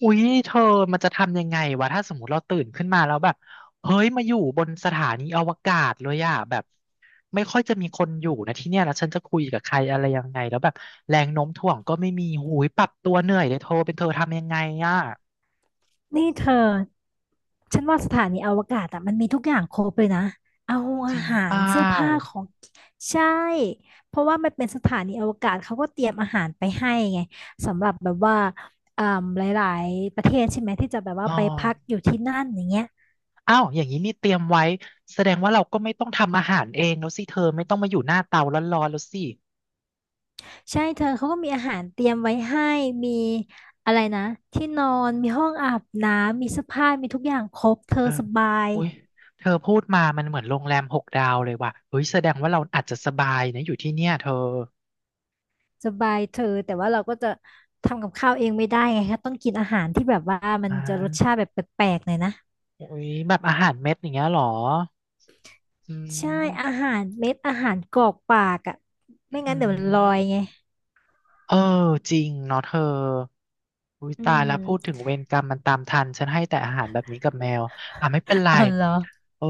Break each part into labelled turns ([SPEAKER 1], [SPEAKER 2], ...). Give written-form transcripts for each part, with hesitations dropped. [SPEAKER 1] อุ๊ยเธอมันจะทำยังไงวะถ้าสมมติเราตื่นขึ้นมาแล้วแบบเฮ้ยมาอยู่บนสถานีอวกาศเลยอะแบบไม่ค่อยจะมีคนอยู่นะที่เนี่ยแล้วฉันจะคุยกับใครอะไรยังไงแล้วแบบแรงโน้มถ่วงก็ไม่มีหูยปรับตัวเหนื่อยเลยเธอเป็นเธอทำยังไงอะ
[SPEAKER 2] นี่เธอ ฉันว่าสถานีอวกาศอ่ะมันมีทุกอย่างครบเลยนะเอา
[SPEAKER 1] จ
[SPEAKER 2] อา
[SPEAKER 1] ริง
[SPEAKER 2] หา
[SPEAKER 1] เป
[SPEAKER 2] ร
[SPEAKER 1] ล่า
[SPEAKER 2] เสื้อผ้าของใช่ เพราะว่ามันเป็นสถานีอวกาศเขาก็เตรียมอาหารไปให้ไงสำหรับแบบว่าอ่าหลายๆประเทศใช่ไหมที่จะแบบว่า
[SPEAKER 1] อ๋อ
[SPEAKER 2] ไปพักอยู่ที่นั่นอย่างเงี้ย
[SPEAKER 1] อ้าวอย่างนี้นี่เตรียมไว้แสดงว่าเราก็ไม่ต้องทำอาหารเองแล้วสิเธอไม่ต้องมาอยู่หน้าเตาร้อนๆแล้วสิ
[SPEAKER 2] ใช่เธอเขาก็มีอาหารเตรียมไว้ให้มีอะไรนะที่นอนมีห้องอาบน้ำมีเสื้อผ้ามีทุกอย่างครบเธอ
[SPEAKER 1] เออ
[SPEAKER 2] สบาย
[SPEAKER 1] อุ้ยเธอพูดมามันเหมือนโรงแรมหกดาวเลยว่ะเฮ้ยแสดงว่าเราอาจจะสบายนะอยู่ที่เนี่ยเธอ
[SPEAKER 2] สบายเธอแต่ว่าเราก็จะทำกับข้าวเองไม่ได้ไงคะต้องกินอาหารที่แบบว่ามัน
[SPEAKER 1] อ่
[SPEAKER 2] จะรสชา
[SPEAKER 1] า
[SPEAKER 2] ติแบบแปลกๆหน่อยนะ
[SPEAKER 1] อุ้ยแบบอาหารเม็ดอย่างเงี้ยเหรออื
[SPEAKER 2] ใช่
[SPEAKER 1] ม
[SPEAKER 2] อาหารเม็ดอาหารกรอกปากอ่ะไม่
[SPEAKER 1] อื
[SPEAKER 2] งั้นเดี๋ยวมันลอย
[SPEAKER 1] ม
[SPEAKER 2] ไง
[SPEAKER 1] เออจริงเนาะเธออุ้ย
[SPEAKER 2] อื
[SPEAKER 1] ตาย
[SPEAKER 2] ม
[SPEAKER 1] แล้วพูดถึงเวรกรรมมันตามทันฉันให้แต่อาหารแบบนี้กับแมว อ่ะไม่เป็นไร
[SPEAKER 2] อ๋อเหรอ
[SPEAKER 1] เออ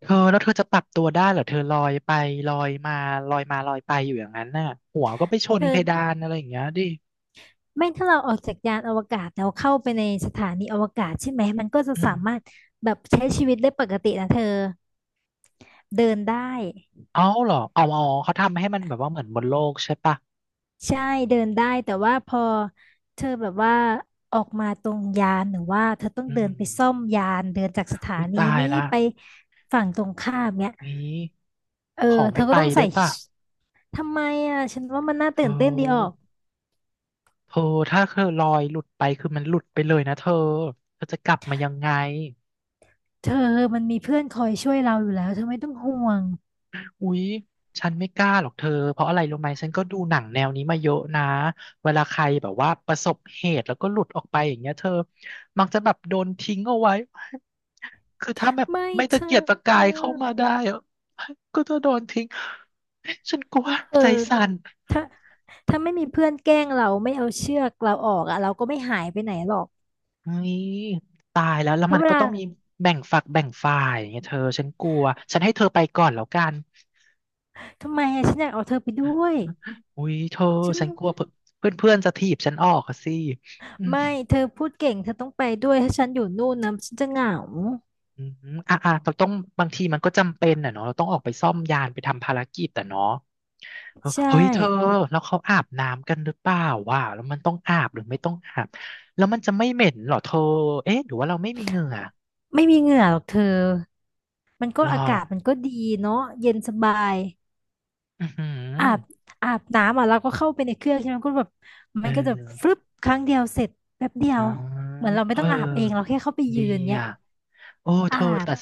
[SPEAKER 1] เธอแล้วเธอจะปรับตัวได้เหรอเธอลอยไปลอยมาลอยมาลอยไปอยู่อย่างนั้นน่ะหัวก็ไปชน
[SPEAKER 2] คือ
[SPEAKER 1] เพดานอะไรอย่างเงี้ยดิ
[SPEAKER 2] ไม่ถ้าเราออกจากยานอวกาศแล้วเข้าไปในสถานีอวกาศใช่ไหมมันก็จะสามารถแบบใช้ชีวิตได้ปกตินะเธอเดินได้
[SPEAKER 1] เอาเหรอเอาเอาเขาทำให้มันแบบว่าเหมือนบนโลกใช่ปะ
[SPEAKER 2] ใช่เดินได้แต่ว่าพอเธอแบบว่าออกมาตรงยานหรือว่าเธอต้อง
[SPEAKER 1] อื
[SPEAKER 2] เดิน
[SPEAKER 1] ม
[SPEAKER 2] ไปซ่อมยานเดินจากสถา
[SPEAKER 1] อุ้ย
[SPEAKER 2] นี
[SPEAKER 1] ตาย
[SPEAKER 2] นี้
[SPEAKER 1] ละ
[SPEAKER 2] ไปฝั่งตรงข้ามเนี่ย
[SPEAKER 1] งี้
[SPEAKER 2] เออ
[SPEAKER 1] ขอ
[SPEAKER 2] เธ
[SPEAKER 1] ไม่
[SPEAKER 2] อ
[SPEAKER 1] ไป
[SPEAKER 2] ก็ต้องใส่
[SPEAKER 1] ได้ปะ
[SPEAKER 2] ทำไมอ่ะฉันว่ามันน่า
[SPEAKER 1] เธ
[SPEAKER 2] ตื่นเต้นดีออก
[SPEAKER 1] อเธอถ้าเธอลอยหลุดไปคือมันหลุดไปเลยนะเธอเธอจะกลับมายังไง
[SPEAKER 2] เธอมันมีเพื่อนคอยช่วยเราอยู่แล้วเธอไม่ต้องห่วง
[SPEAKER 1] อุ๊ยฉันไม่กล้าหรอกเธอเพราะอะไรรู้ไหมฉันก็ดูหนังแนวนี้มาเยอะนะเวลาใครแบบว่าประสบเหตุแล้วก็หลุดออกไปอย่างเงี้ยเธอมักจะแบบโดนทิ้งเอาไว้ คือถ้าแบบ
[SPEAKER 2] ไม่
[SPEAKER 1] ไม่
[SPEAKER 2] เธ
[SPEAKER 1] ตะเกียก
[SPEAKER 2] อ
[SPEAKER 1] ตะกายเข้ามาได้อะก็จะโดนทิ้งฉันกลัว
[SPEAKER 2] เออ
[SPEAKER 1] ใจสั่น
[SPEAKER 2] ถ้าถ้าไม่มีเพื่อนแกล้งเราไม่เอาเชือกเราออกอ่ะเราก็ไม่หายไปไหนหรอก
[SPEAKER 1] นี่ตายแล้วแล้ว
[SPEAKER 2] เพ
[SPEAKER 1] มั
[SPEAKER 2] ราะ
[SPEAKER 1] น
[SPEAKER 2] เว
[SPEAKER 1] ก็
[SPEAKER 2] ลา
[SPEAKER 1] ต้องมีแบ่งฝักแบ่งฝ่ายไงเธอฉันกลัวฉันให้เธอไปก่อนแล้วกัน
[SPEAKER 2] ทำไมอะฉันอยากเอาเธอไปด้วย
[SPEAKER 1] อุ้ยเธอ
[SPEAKER 2] ฉัน
[SPEAKER 1] ฉันกลัวเพื่อนเพื่อนๆจะถีบฉันออกอะสิ
[SPEAKER 2] ไม่เธอพูดเก่งเธอต้องไปด้วยถ้าฉันอยู่นู่นนะฉันจะเหงา
[SPEAKER 1] อืมอ่ะอ่ะเราต้องบางทีมันก็จำเป็นอ่ะเนาะเราต้องออกไปซ่อมยานไปทำภารกิจแต่เนาะเออ
[SPEAKER 2] ใช่
[SPEAKER 1] เฮ้ยเธอแล้วเขาอาบน้ำกันหรือเปล่าว่ะแล้วมันต้องอาบหรือไม่ต้องอาบแล้วมันจะไม่เหม็นเหรอเธอเอ๊ะหรือว่าเราไม่มีเหงื่อ
[SPEAKER 2] ไม่มีเหงื่อหรอกเธอมันก็
[SPEAKER 1] หรอ
[SPEAKER 2] อากาศมันก็ดีเนาะเย็นสบาย
[SPEAKER 1] อือหื
[SPEAKER 2] อาบ
[SPEAKER 1] อ
[SPEAKER 2] อาบน้ำอ่ะเราก็เข้าไปในเครื่องใช่ไหมก็แบบ
[SPEAKER 1] เอ
[SPEAKER 2] มันก็จะฟรึ
[SPEAKER 1] อ
[SPEAKER 2] บครั้งเดียวเสร็จแป๊บเดีย
[SPEAKER 1] อ๋อ
[SPEAKER 2] วเหมือนเราไม่
[SPEAKER 1] เอ
[SPEAKER 2] ต้องอาบเองเรา
[SPEAKER 1] อ
[SPEAKER 2] แค่เข้าไปยื
[SPEAKER 1] ดี
[SPEAKER 2] นเนี้ย
[SPEAKER 1] อ่ะ โอ้เธ
[SPEAKER 2] อา
[SPEAKER 1] อ
[SPEAKER 2] บ
[SPEAKER 1] แต่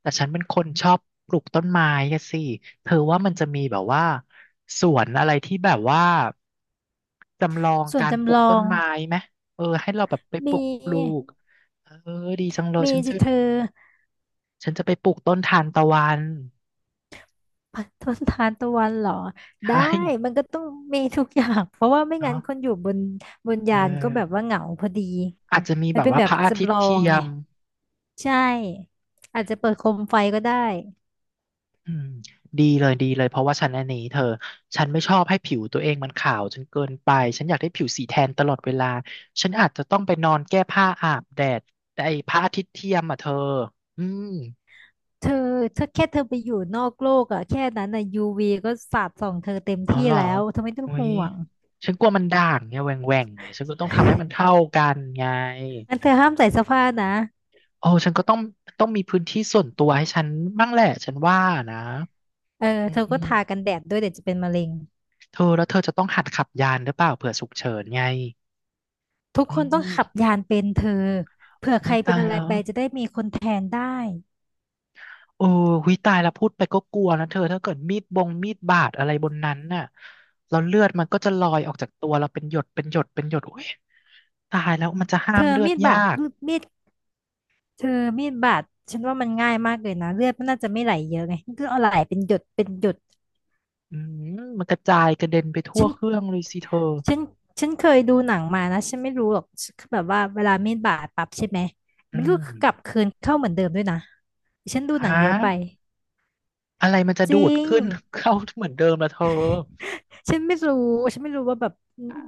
[SPEAKER 1] แต่ฉันเป็นคนชอบปลูกต้นไม้อะสิเธอว่ามันจะมีแบบว่าสวนอะไรที่แบบว่าจำลอง
[SPEAKER 2] ส่วน
[SPEAKER 1] การปลู
[SPEAKER 2] จำล
[SPEAKER 1] ก
[SPEAKER 2] อ
[SPEAKER 1] ต้น
[SPEAKER 2] ง
[SPEAKER 1] ไม้ไหมเออให้เราแบบไป
[SPEAKER 2] ม
[SPEAKER 1] ปลูกปลู
[SPEAKER 2] ี
[SPEAKER 1] กเออดีจังเลย
[SPEAKER 2] มี
[SPEAKER 1] ฉันจะ
[SPEAKER 2] สิเธอ
[SPEAKER 1] ฉันจะไปปลูกต้นทานตะวัน
[SPEAKER 2] ต้นทานตะวันเหรอ
[SPEAKER 1] ใช่
[SPEAKER 2] ได้มันก็ต้องมีทุกอย่าง เพราะว่าไม่งั้
[SPEAKER 1] เนาะ
[SPEAKER 2] นคนอยู่บน
[SPEAKER 1] เอ
[SPEAKER 2] ยานก็แบบ
[SPEAKER 1] อ
[SPEAKER 2] ว่าเหงาพอดี
[SPEAKER 1] อาจจะมี
[SPEAKER 2] มั
[SPEAKER 1] แบ
[SPEAKER 2] น
[SPEAKER 1] บ
[SPEAKER 2] เป็น
[SPEAKER 1] ว่า
[SPEAKER 2] แบ
[SPEAKER 1] พ
[SPEAKER 2] บ
[SPEAKER 1] ระอาทิต
[SPEAKER 2] จำล
[SPEAKER 1] ย์
[SPEAKER 2] อ
[SPEAKER 1] เที
[SPEAKER 2] ง
[SPEAKER 1] ย
[SPEAKER 2] ไง
[SPEAKER 1] ม
[SPEAKER 2] ใช่อาจจะเปิดโคมไฟก็ได้
[SPEAKER 1] อืมดีเลยดีเลยเพราะว่าฉันอันนี้เธอฉันไม่ชอบให้ผิวตัวเองมันขาวจนเกินไปฉันอยากได้ผิวสีแทนตลอดเวลาฉันอาจจะต้องไปนอนแก้ผ้าอาบแดดแต่ไอ้พระอาทิตย์เทียมอ่ะเธออืม
[SPEAKER 2] เธอถ้าแค่เธอไปอยู่นอกโลกอะแค่นั้นอะยูวีก็สาดส่องเธอเต็ม
[SPEAKER 1] เอา
[SPEAKER 2] ที่
[SPEAKER 1] เหรอ
[SPEAKER 2] แล้วเธอไม่ต้อง
[SPEAKER 1] โอ้ย
[SPEAKER 2] ห่วง
[SPEAKER 1] ฉันกลัวมันด่างเนี่ยแหว่งแหว่งเนี่ยฉันก็ต้องทำให้มันเท่ากันไง
[SPEAKER 2] อันเธอห้ามใส่เสื้อผ้านะ
[SPEAKER 1] โอ้ฉันก็ต้องมีพื้นที่ส่วนตัวให้ฉันบ้างแหละฉันว่านะ
[SPEAKER 2] เออ
[SPEAKER 1] อื
[SPEAKER 2] เธอก็ทากัน
[SPEAKER 1] ม
[SPEAKER 2] แดดด้วยเดี๋ยวจะเป็นมะเร็ง
[SPEAKER 1] เธอแล้วเธอจะต้องหัดขับยานหรือเปล่าเผื่อฉุกเฉินไง
[SPEAKER 2] ทุก
[SPEAKER 1] อื
[SPEAKER 2] คนต้อง
[SPEAKER 1] ม
[SPEAKER 2] ขับยานเป็นเธอเผื่อใค
[SPEAKER 1] โอ้
[SPEAKER 2] ร
[SPEAKER 1] ย
[SPEAKER 2] เป็
[SPEAKER 1] ตา
[SPEAKER 2] น
[SPEAKER 1] ย
[SPEAKER 2] อะไร
[SPEAKER 1] แล้ว
[SPEAKER 2] ไปจะได้มีคนแทนได้
[SPEAKER 1] โอ้หุยตายแล้วพูดไปก็กลัวนะเธอถ้าเกิดมีดบงมีดบาดอะไรบนนั้นน่ะแล้วเลือดมันก็จะลอยออกจากตัวเราเป็นหยดเป็นหยดเป็นหยดโอ้ยตายแล้วมันจะห้า
[SPEAKER 2] เธ
[SPEAKER 1] ม
[SPEAKER 2] อ
[SPEAKER 1] เลือด
[SPEAKER 2] มีด
[SPEAKER 1] ยา
[SPEAKER 2] บาด
[SPEAKER 1] ก
[SPEAKER 2] มีดเธอมีดบาดฉันว่ามันง่ายมากเลยนะเลือดมันน่าจะไม่ไหลเยอะไงก็เอาไหลเป็นหยดเป็นหยด
[SPEAKER 1] อืมมันกระจายกระเด็นไปทั่ว
[SPEAKER 2] ฉัน
[SPEAKER 1] เครื่องเลยสิเธอ
[SPEAKER 2] ฉันฉันเคยดูหนังมานะฉันไม่รู้หรอกคือแบบว่าเวลามีดบาดปั๊บใช่ไหม
[SPEAKER 1] อื
[SPEAKER 2] มันก็
[SPEAKER 1] ม
[SPEAKER 2] กลับคืนเข้าเหมือนเดิมด้วยนะฉันดูหนัง
[SPEAKER 1] ฮะ
[SPEAKER 2] เยอะไป
[SPEAKER 1] อะไรมันจะ
[SPEAKER 2] จ
[SPEAKER 1] ดู
[SPEAKER 2] ริ
[SPEAKER 1] ด
[SPEAKER 2] ง
[SPEAKER 1] ขึ้น เข้าเหมือนเดิมละเธอ
[SPEAKER 2] ฉันไม่รู้ฉันไม่รู้ว่าแบบ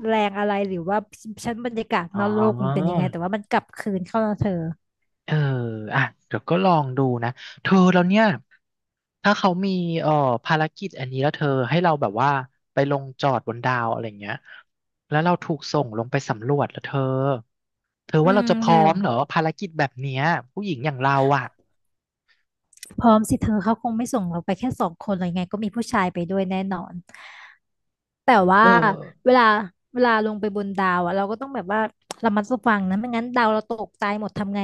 [SPEAKER 2] แรงอะไรหรือว่าชั้นบรรยากาศ
[SPEAKER 1] อ๋
[SPEAKER 2] นอกโลกมันเป็น
[SPEAKER 1] อ
[SPEAKER 2] ยังไงแต่ว่ามันกลับคืนเข้านะเธอ
[SPEAKER 1] เอออ่ะเดี๋ยวก็ลองดูนะเธอแล้วเนี่ยถ้าเขามีเอ่อภารกิจอันนี้แล้วเธอให้เราแบบว่าไปลงจอดบนดาวอะไรเงี้ยแล้วเราถูกส่งลงไปสำรวจแล้วเธอเธอ
[SPEAKER 2] อื
[SPEAKER 1] ว่าเรา
[SPEAKER 2] ม
[SPEAKER 1] จะพ
[SPEAKER 2] เธอ
[SPEAKER 1] ร้อมเหรอภารกิจแบบเนี้ยผู้หญิงอย่างเราอ่ะ
[SPEAKER 2] พร้อมสิเธอเขาคงไม่ส่งเราไปแค่สองคนเลยไงก็มีผู้ชายไปด้วยแน่นอนแต่ว่า
[SPEAKER 1] เออ
[SPEAKER 2] เวลาเวลาลงไปบนดาวอะเราก็ต้องแบบว่าระมัดระวังนะไม่งั้นดาวเราตกตายหมดทำไง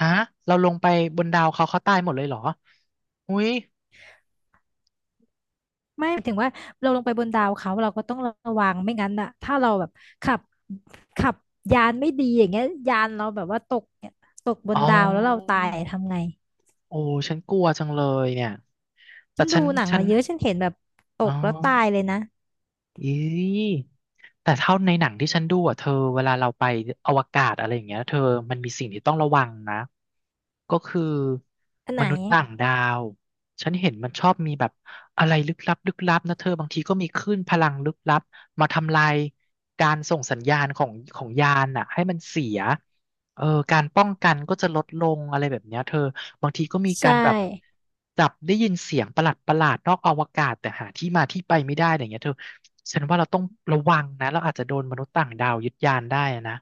[SPEAKER 1] ฮะเราลงไปบนดาวเขาเขาตายหมดเลยเหรออุ้ย
[SPEAKER 2] ไม่หมายถึงว่าเราลงไปบนดาวเขาเราก็ต้องระวังไม่งั้นอะถ้าเราแบบขับขับยานไม่ดีอย่างเงี้ยยานเราแบบว่าตกเนี่ยตกบ
[SPEAKER 1] อ๋
[SPEAKER 2] น
[SPEAKER 1] อ
[SPEAKER 2] ดาวแล้วเราตายทำไง
[SPEAKER 1] โอ้ฉันกลัวจังเลยเนี่ยแต่
[SPEAKER 2] ฉัน
[SPEAKER 1] ฉั
[SPEAKER 2] ดู
[SPEAKER 1] น
[SPEAKER 2] หนัง
[SPEAKER 1] ฉัน
[SPEAKER 2] มาเยอะฉันเห็นแบบต
[SPEAKER 1] อ๋อ
[SPEAKER 2] กแล้วตายเลยนะ
[SPEAKER 1] อีแต่เท่าในหนังที่ฉันดูอ่ะเธอเวลาเราไปอวกาศอะไรอย่างเงี้ยเธอมันมีสิ่งที่ต้องระวังนะก็คือ
[SPEAKER 2] อันไห
[SPEAKER 1] ม
[SPEAKER 2] น
[SPEAKER 1] นุษย์ต่างดาวฉันเห็นมันชอบมีแบบอะไรลึกลับลึกลับนะเธอบางทีก็มีคลื่นพลังลึกลับมาทำลายการส่งสัญญาณของของยานน่ะให้มันเสียเออการป้องกันก็จะลดลงอะไรแบบเนี้ยเธอ บางทีก็มีกา
[SPEAKER 2] ใช่
[SPEAKER 1] รแบบจับได้ยินเสียงประหลาดประหลาดนอกอวกาศแต่หาที่มาที่ไปไม่ได้อะไรอย่างเงี้ยเธอฉันว่าเราต้องระวังนะเราอาจจะโดนมนุษย์ต่างดาวยึดยานได้นะ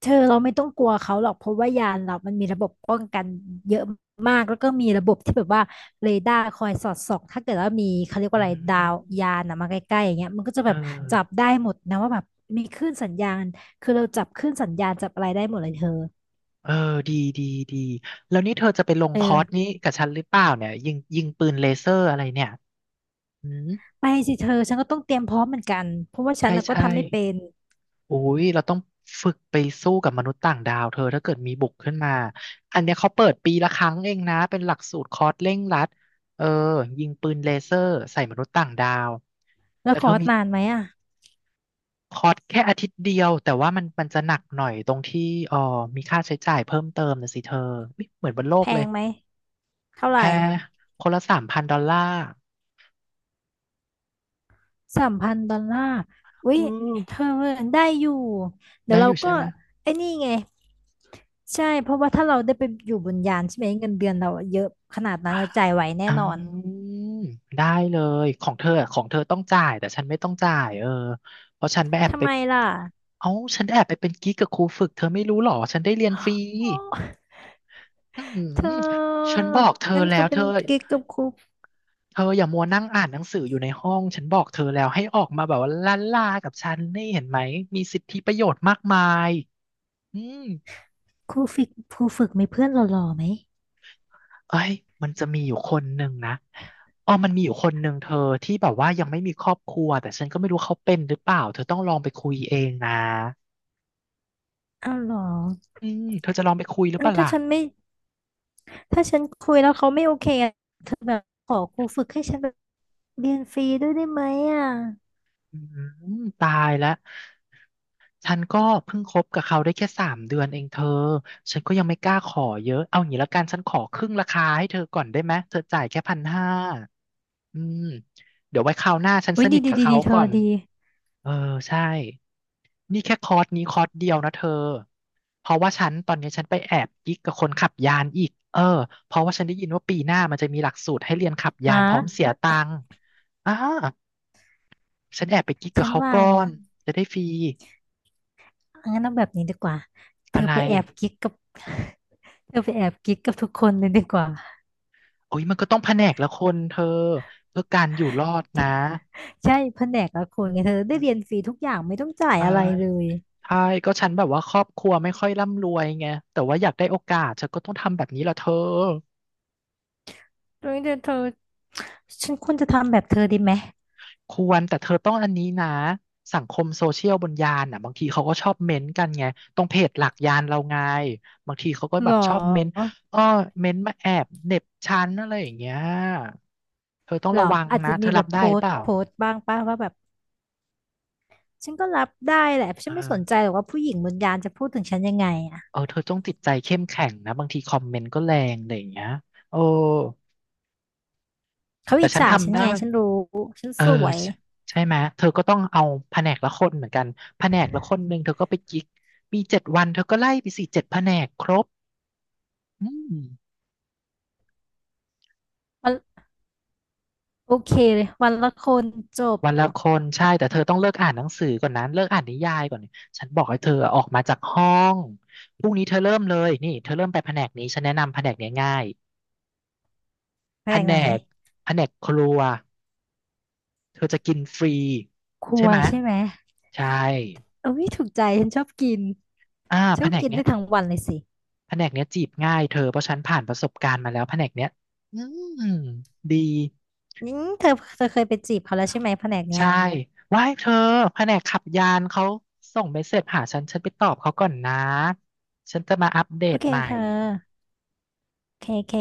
[SPEAKER 2] เธอเราไม่ต้องกลัวเขาหรอกเพราะว่ายานเรามันมีระบบป้องกันเยอะมากแล้วก็มีระบบที่แบบว่าเรดาร์คอยสอดส่องถ้าเกิดว่ามีเขาเรียกว่า
[SPEAKER 1] อื
[SPEAKER 2] อะไรดาว
[SPEAKER 1] ม
[SPEAKER 2] ยานนะมาใกล้ๆอย่างเงี้ยมันก็จะ
[SPEAKER 1] เอ
[SPEAKER 2] แบบจับ
[SPEAKER 1] อ
[SPEAKER 2] ได้หมดนะว่าแบบมีคลื่นสัญญาณคือเราจับคลื่นสัญญาณจับอะไรได้หมดเลยเธอ
[SPEAKER 1] เออดีดีดีแล้วนี่เธอจะไปลง
[SPEAKER 2] เอ
[SPEAKER 1] คอร์ส
[SPEAKER 2] อ
[SPEAKER 1] นี้กับฉันหรือเปล่าเนี่ยยิงปืนเลเซอร์อะไรเนี่ยอืม
[SPEAKER 2] ไปสิเธอฉันก็ต้องเตรียมพร้อมเหมือนกันเพราะว่าฉั
[SPEAKER 1] ใช่
[SPEAKER 2] นน่ะก็
[SPEAKER 1] ใช่
[SPEAKER 2] ทำไม่เป็น
[SPEAKER 1] อุ้ย เราต้องฝึกไปสู้กับมนุษย์ต่างดาวเธอถ้าเกิดมีบุกขึ้นมา อันเนี้ยเขาเปิดปีละครั้งเองนะ เป็นหลักสูตรคอร์สเร่งรัด เออ ยิงปืนเลเซอร์ใส่มนุษย์ต่างดาว
[SPEAKER 2] แล้ว
[SPEAKER 1] แต่
[SPEAKER 2] ค
[SPEAKER 1] เธ
[SPEAKER 2] อ
[SPEAKER 1] อ
[SPEAKER 2] ร์ส
[SPEAKER 1] มี
[SPEAKER 2] นานไหมอ่ะ
[SPEAKER 1] คอร์สแค่อาทิตย์เดียวแต่ว่ามันจะหนักหน่อยตรงที่อ๋อมีค่าใช้จ่ายเพิ่มเติมนะสิเธออุ๊ยเหมือนบนโล
[SPEAKER 2] แพ
[SPEAKER 1] กเลย
[SPEAKER 2] งไหมเท่าไห
[SPEAKER 1] แพ
[SPEAKER 2] ร่
[SPEAKER 1] งคนละ$3,000
[SPEAKER 2] สามพันดอลลาร์อุ้
[SPEAKER 1] อื
[SPEAKER 2] ย
[SPEAKER 1] อ
[SPEAKER 2] เธอได้อยู่เดี๋ย
[SPEAKER 1] ได้
[SPEAKER 2] ว
[SPEAKER 1] อ
[SPEAKER 2] เรา
[SPEAKER 1] ยู่
[SPEAKER 2] ก็
[SPEAKER 1] ใช่ไหม
[SPEAKER 2] ไอ้นี่ไง ใช่เพราะว่าถ้าเราได้ไปอยู่บนยานใช่ไหมเงินเดือนเราอะเยอะขนาดนั้นเราจ่ายไหวแน่
[SPEAKER 1] อ่า
[SPEAKER 2] นอน
[SPEAKER 1] ได้เลยของเธออะของเธอต้องจ่ายแต่ฉันไม่ต้องจ่ายเออเพราะฉันไปแอบ
[SPEAKER 2] ทำ
[SPEAKER 1] ไป
[SPEAKER 2] ไมล่ะ
[SPEAKER 1] เอ้าฉันแอบไปเป็นกิ๊กกับครูฝึกเธอไม่รู้หรอฉันได้เรียนฟรี
[SPEAKER 2] โอ้
[SPEAKER 1] อื
[SPEAKER 2] เธ
[SPEAKER 1] ม
[SPEAKER 2] อ
[SPEAKER 1] ฉันบอกเธอ
[SPEAKER 2] งั้นเธ
[SPEAKER 1] แล้
[SPEAKER 2] อ
[SPEAKER 1] วเธ
[SPEAKER 2] เป็น
[SPEAKER 1] อ
[SPEAKER 2] กิ๊กกับครู
[SPEAKER 1] เธออย่ามัวนั่งอ่านหนังสืออยู่ในห้องฉันบอกเธอแล้วให้ออกมาแบบว่าล่าล่ากับฉันนี่เห็นไหมมีสิทธิประโยชน์มากมายอืม
[SPEAKER 2] ครูฝึกครูฝึกมีเพื่อนหล่อๆไหม
[SPEAKER 1] เอ้ยมันจะมีอยู่คนหนึ่งนะอ๋อมันมีอยู่คนหนึ่งเธอที่แบบว่ายังไม่มีครอบครัวแต่ฉันก็ไม่รู้เขาเป็นหรือเปล่าเธอต้องลองไปคุยเองนะ
[SPEAKER 2] อ้าวเหรอ
[SPEAKER 1] อืมเธอจะลองไปคุยหรือเป
[SPEAKER 2] งั้น
[SPEAKER 1] ล่า
[SPEAKER 2] ถ้า
[SPEAKER 1] ล่ะ
[SPEAKER 2] ฉันไม่ถ้าฉันคุยแล้วเขาไม่โอเคอะเธอแบบขอครูฝึกให้ฉันแบบเรียนฟรีด้วยได้ไหมอ่ะ
[SPEAKER 1] อืม ตายแล้ว ฉันก็เพิ่งคบกับเขาได้แค่3 เดือนเองเธอ ฉันก็ยังไม่กล้าขอเยอะ เอาอย่างนี้ละกันฉันขอครึ่งราคาให้เธอก่อนได้ไหมเธอจ่ายแค่1,500อืมเดี๋ยวไว้คราวหน้าฉัน
[SPEAKER 2] อุ้
[SPEAKER 1] ส
[SPEAKER 2] ย
[SPEAKER 1] นิ
[SPEAKER 2] ดี
[SPEAKER 1] ท
[SPEAKER 2] ดี
[SPEAKER 1] กับ
[SPEAKER 2] ดี
[SPEAKER 1] เขา
[SPEAKER 2] ดีเธอ
[SPEAKER 1] ก่อน
[SPEAKER 2] ดี
[SPEAKER 1] เออใช่นี่แค่คอร์สนี้คอร์สเดียวนะเธอเพราะว่าฉันตอนนี้ฉันไปแอบกิ๊กกับคนขับยานอีก เออเพราะว่าฉันได้ยินว่าปีหน้ามันจะมีหลักสูตรให้เรียนขับยา
[SPEAKER 2] ฮะ
[SPEAKER 1] นพร้อมเสียตังค์อ่าฉันแอบไปกิ๊กกับ
[SPEAKER 2] ฉัน
[SPEAKER 1] เขา
[SPEAKER 2] ว่า
[SPEAKER 1] ก่อ
[SPEAKER 2] นะ
[SPEAKER 1] นจะได้ฟรี
[SPEAKER 2] งั้นเอาแบบนี้ดีกว่าเธ
[SPEAKER 1] อะ
[SPEAKER 2] อ
[SPEAKER 1] ไร
[SPEAKER 2] ไปแอบกิ๊กกับ เธอไปแอบกิ๊กกับทุกคนเลยดีกว่า
[SPEAKER 1] โอ้ยมันก็ต้องแผนกละคนเธอเพื่อการอยู่รอดนะ
[SPEAKER 2] ใช่แผนกละคนไงเธอได้เรียนฟรีทุกอย่างไม่ต้องจ่าย
[SPEAKER 1] ใช่
[SPEAKER 2] อะไรเลย
[SPEAKER 1] ใช่ก็ฉันแบบว่าครอบครัวไม่ค่อยร่ำรวยไงแต่ว่าอยากได้โอกาสฉันก็ต้องทำแบบนี้ละเธอ
[SPEAKER 2] เฮ้ยเดี๋ยวเธอฉันควรจะทำแบบเธอดีไหม
[SPEAKER 1] ควรแต่เธอต้องอันนี้นะสังคมโซเชียลบนยานอ่ะบางทีเขาก็ชอบเม้นต์กันไงตรงเพจหลักยานเราไงบางทีเขาก็
[SPEAKER 2] ห
[SPEAKER 1] แบ
[SPEAKER 2] ร
[SPEAKER 1] บชอบเม้นต์
[SPEAKER 2] อ
[SPEAKER 1] อ้อเม้นต์มาแอบเหน็บชั้นอะไรอย่างเงี้ยเธอต้อง
[SPEAKER 2] หรอ
[SPEAKER 1] ระวัง
[SPEAKER 2] อาจจะ
[SPEAKER 1] นะเธ
[SPEAKER 2] มี
[SPEAKER 1] อ
[SPEAKER 2] แบ
[SPEAKER 1] รับ
[SPEAKER 2] บโพ
[SPEAKER 1] ได้
[SPEAKER 2] ส
[SPEAKER 1] เป
[SPEAKER 2] ต์
[SPEAKER 1] ล่า
[SPEAKER 2] โพสต์บ้างป้าว่าแบบฉันก็รับได้แหละฉั
[SPEAKER 1] เอ
[SPEAKER 2] นไม่ส
[SPEAKER 1] อ
[SPEAKER 2] นใจหรอกว่าผู้หญิงบนยานจะพูดถึงฉันยังไงอ่ะ
[SPEAKER 1] เออเธอต้องจิตใจเข้มแข็งนะบางทีคอมเมนต์ก็แรงอะไรอย่างเงี้ยโอ้
[SPEAKER 2] เขา
[SPEAKER 1] แต่
[SPEAKER 2] อิจ
[SPEAKER 1] ฉัน
[SPEAKER 2] ฉาฉั
[SPEAKER 1] ทำ
[SPEAKER 2] น
[SPEAKER 1] ได้
[SPEAKER 2] ไงฉันรู้ ฉัน
[SPEAKER 1] เออ
[SPEAKER 2] สวย
[SPEAKER 1] ใช่ใช่ไหมเธอก็ต้องเอาแผนกละคนเหมือนกันแผนกละคนหนึ่งเธอก็ไปกิ๊กมี7 วันเธอก็ไล่ไปสี่เจ็ดแผนกครบ อืม
[SPEAKER 2] วันโอเคเลยวันละคนจบ
[SPEAKER 1] วันละคนใช่แต่เธอต้องเลิกอ่านหนังสือก่อนนะเลิกอ่านนิยายก่อนฉันบอกให้เธอออกมาจากห้องพรุ่งนี้เธอเริ่มเลยนี่เธอเริ่มไปแผนกนี้ฉันแนะนำแผนกเนี้ยง่าย
[SPEAKER 2] แผ
[SPEAKER 1] แผ
[SPEAKER 2] นก
[SPEAKER 1] น
[SPEAKER 2] ไหน
[SPEAKER 1] กแผนกครัวเธอจะกินฟรี
[SPEAKER 2] ครั
[SPEAKER 1] ใช่
[SPEAKER 2] ว
[SPEAKER 1] ไหม
[SPEAKER 2] ใช่ไหม
[SPEAKER 1] ใช่
[SPEAKER 2] โอ้ยถูกใจฉันชอบกิน
[SPEAKER 1] อ่า
[SPEAKER 2] ช
[SPEAKER 1] แผ
[SPEAKER 2] อบ
[SPEAKER 1] นก
[SPEAKER 2] กิน
[SPEAKER 1] เนี้
[SPEAKER 2] ได้
[SPEAKER 1] ย
[SPEAKER 2] ทั้งวันเลยสิ
[SPEAKER 1] แผนกเนี้ยจีบง่ายเธอเพราะฉันผ่านประสบการณ์มาแล้วแผนกเนี้ยอืมดี
[SPEAKER 2] อืมเธอเธอเคยไปจีบเขาแล้วใช่ไหมแผนกเนี้ย
[SPEAKER 1] ใช่ว่าให้เธอแผนกขับยานเขาส่งเมสเสจหาฉัน ฉันไปตอบเขาก่อนนะ ฉันจะมาอัปเด
[SPEAKER 2] โอ
[SPEAKER 1] ต
[SPEAKER 2] เค
[SPEAKER 1] ใหม่
[SPEAKER 2] เธอโอเคโอเค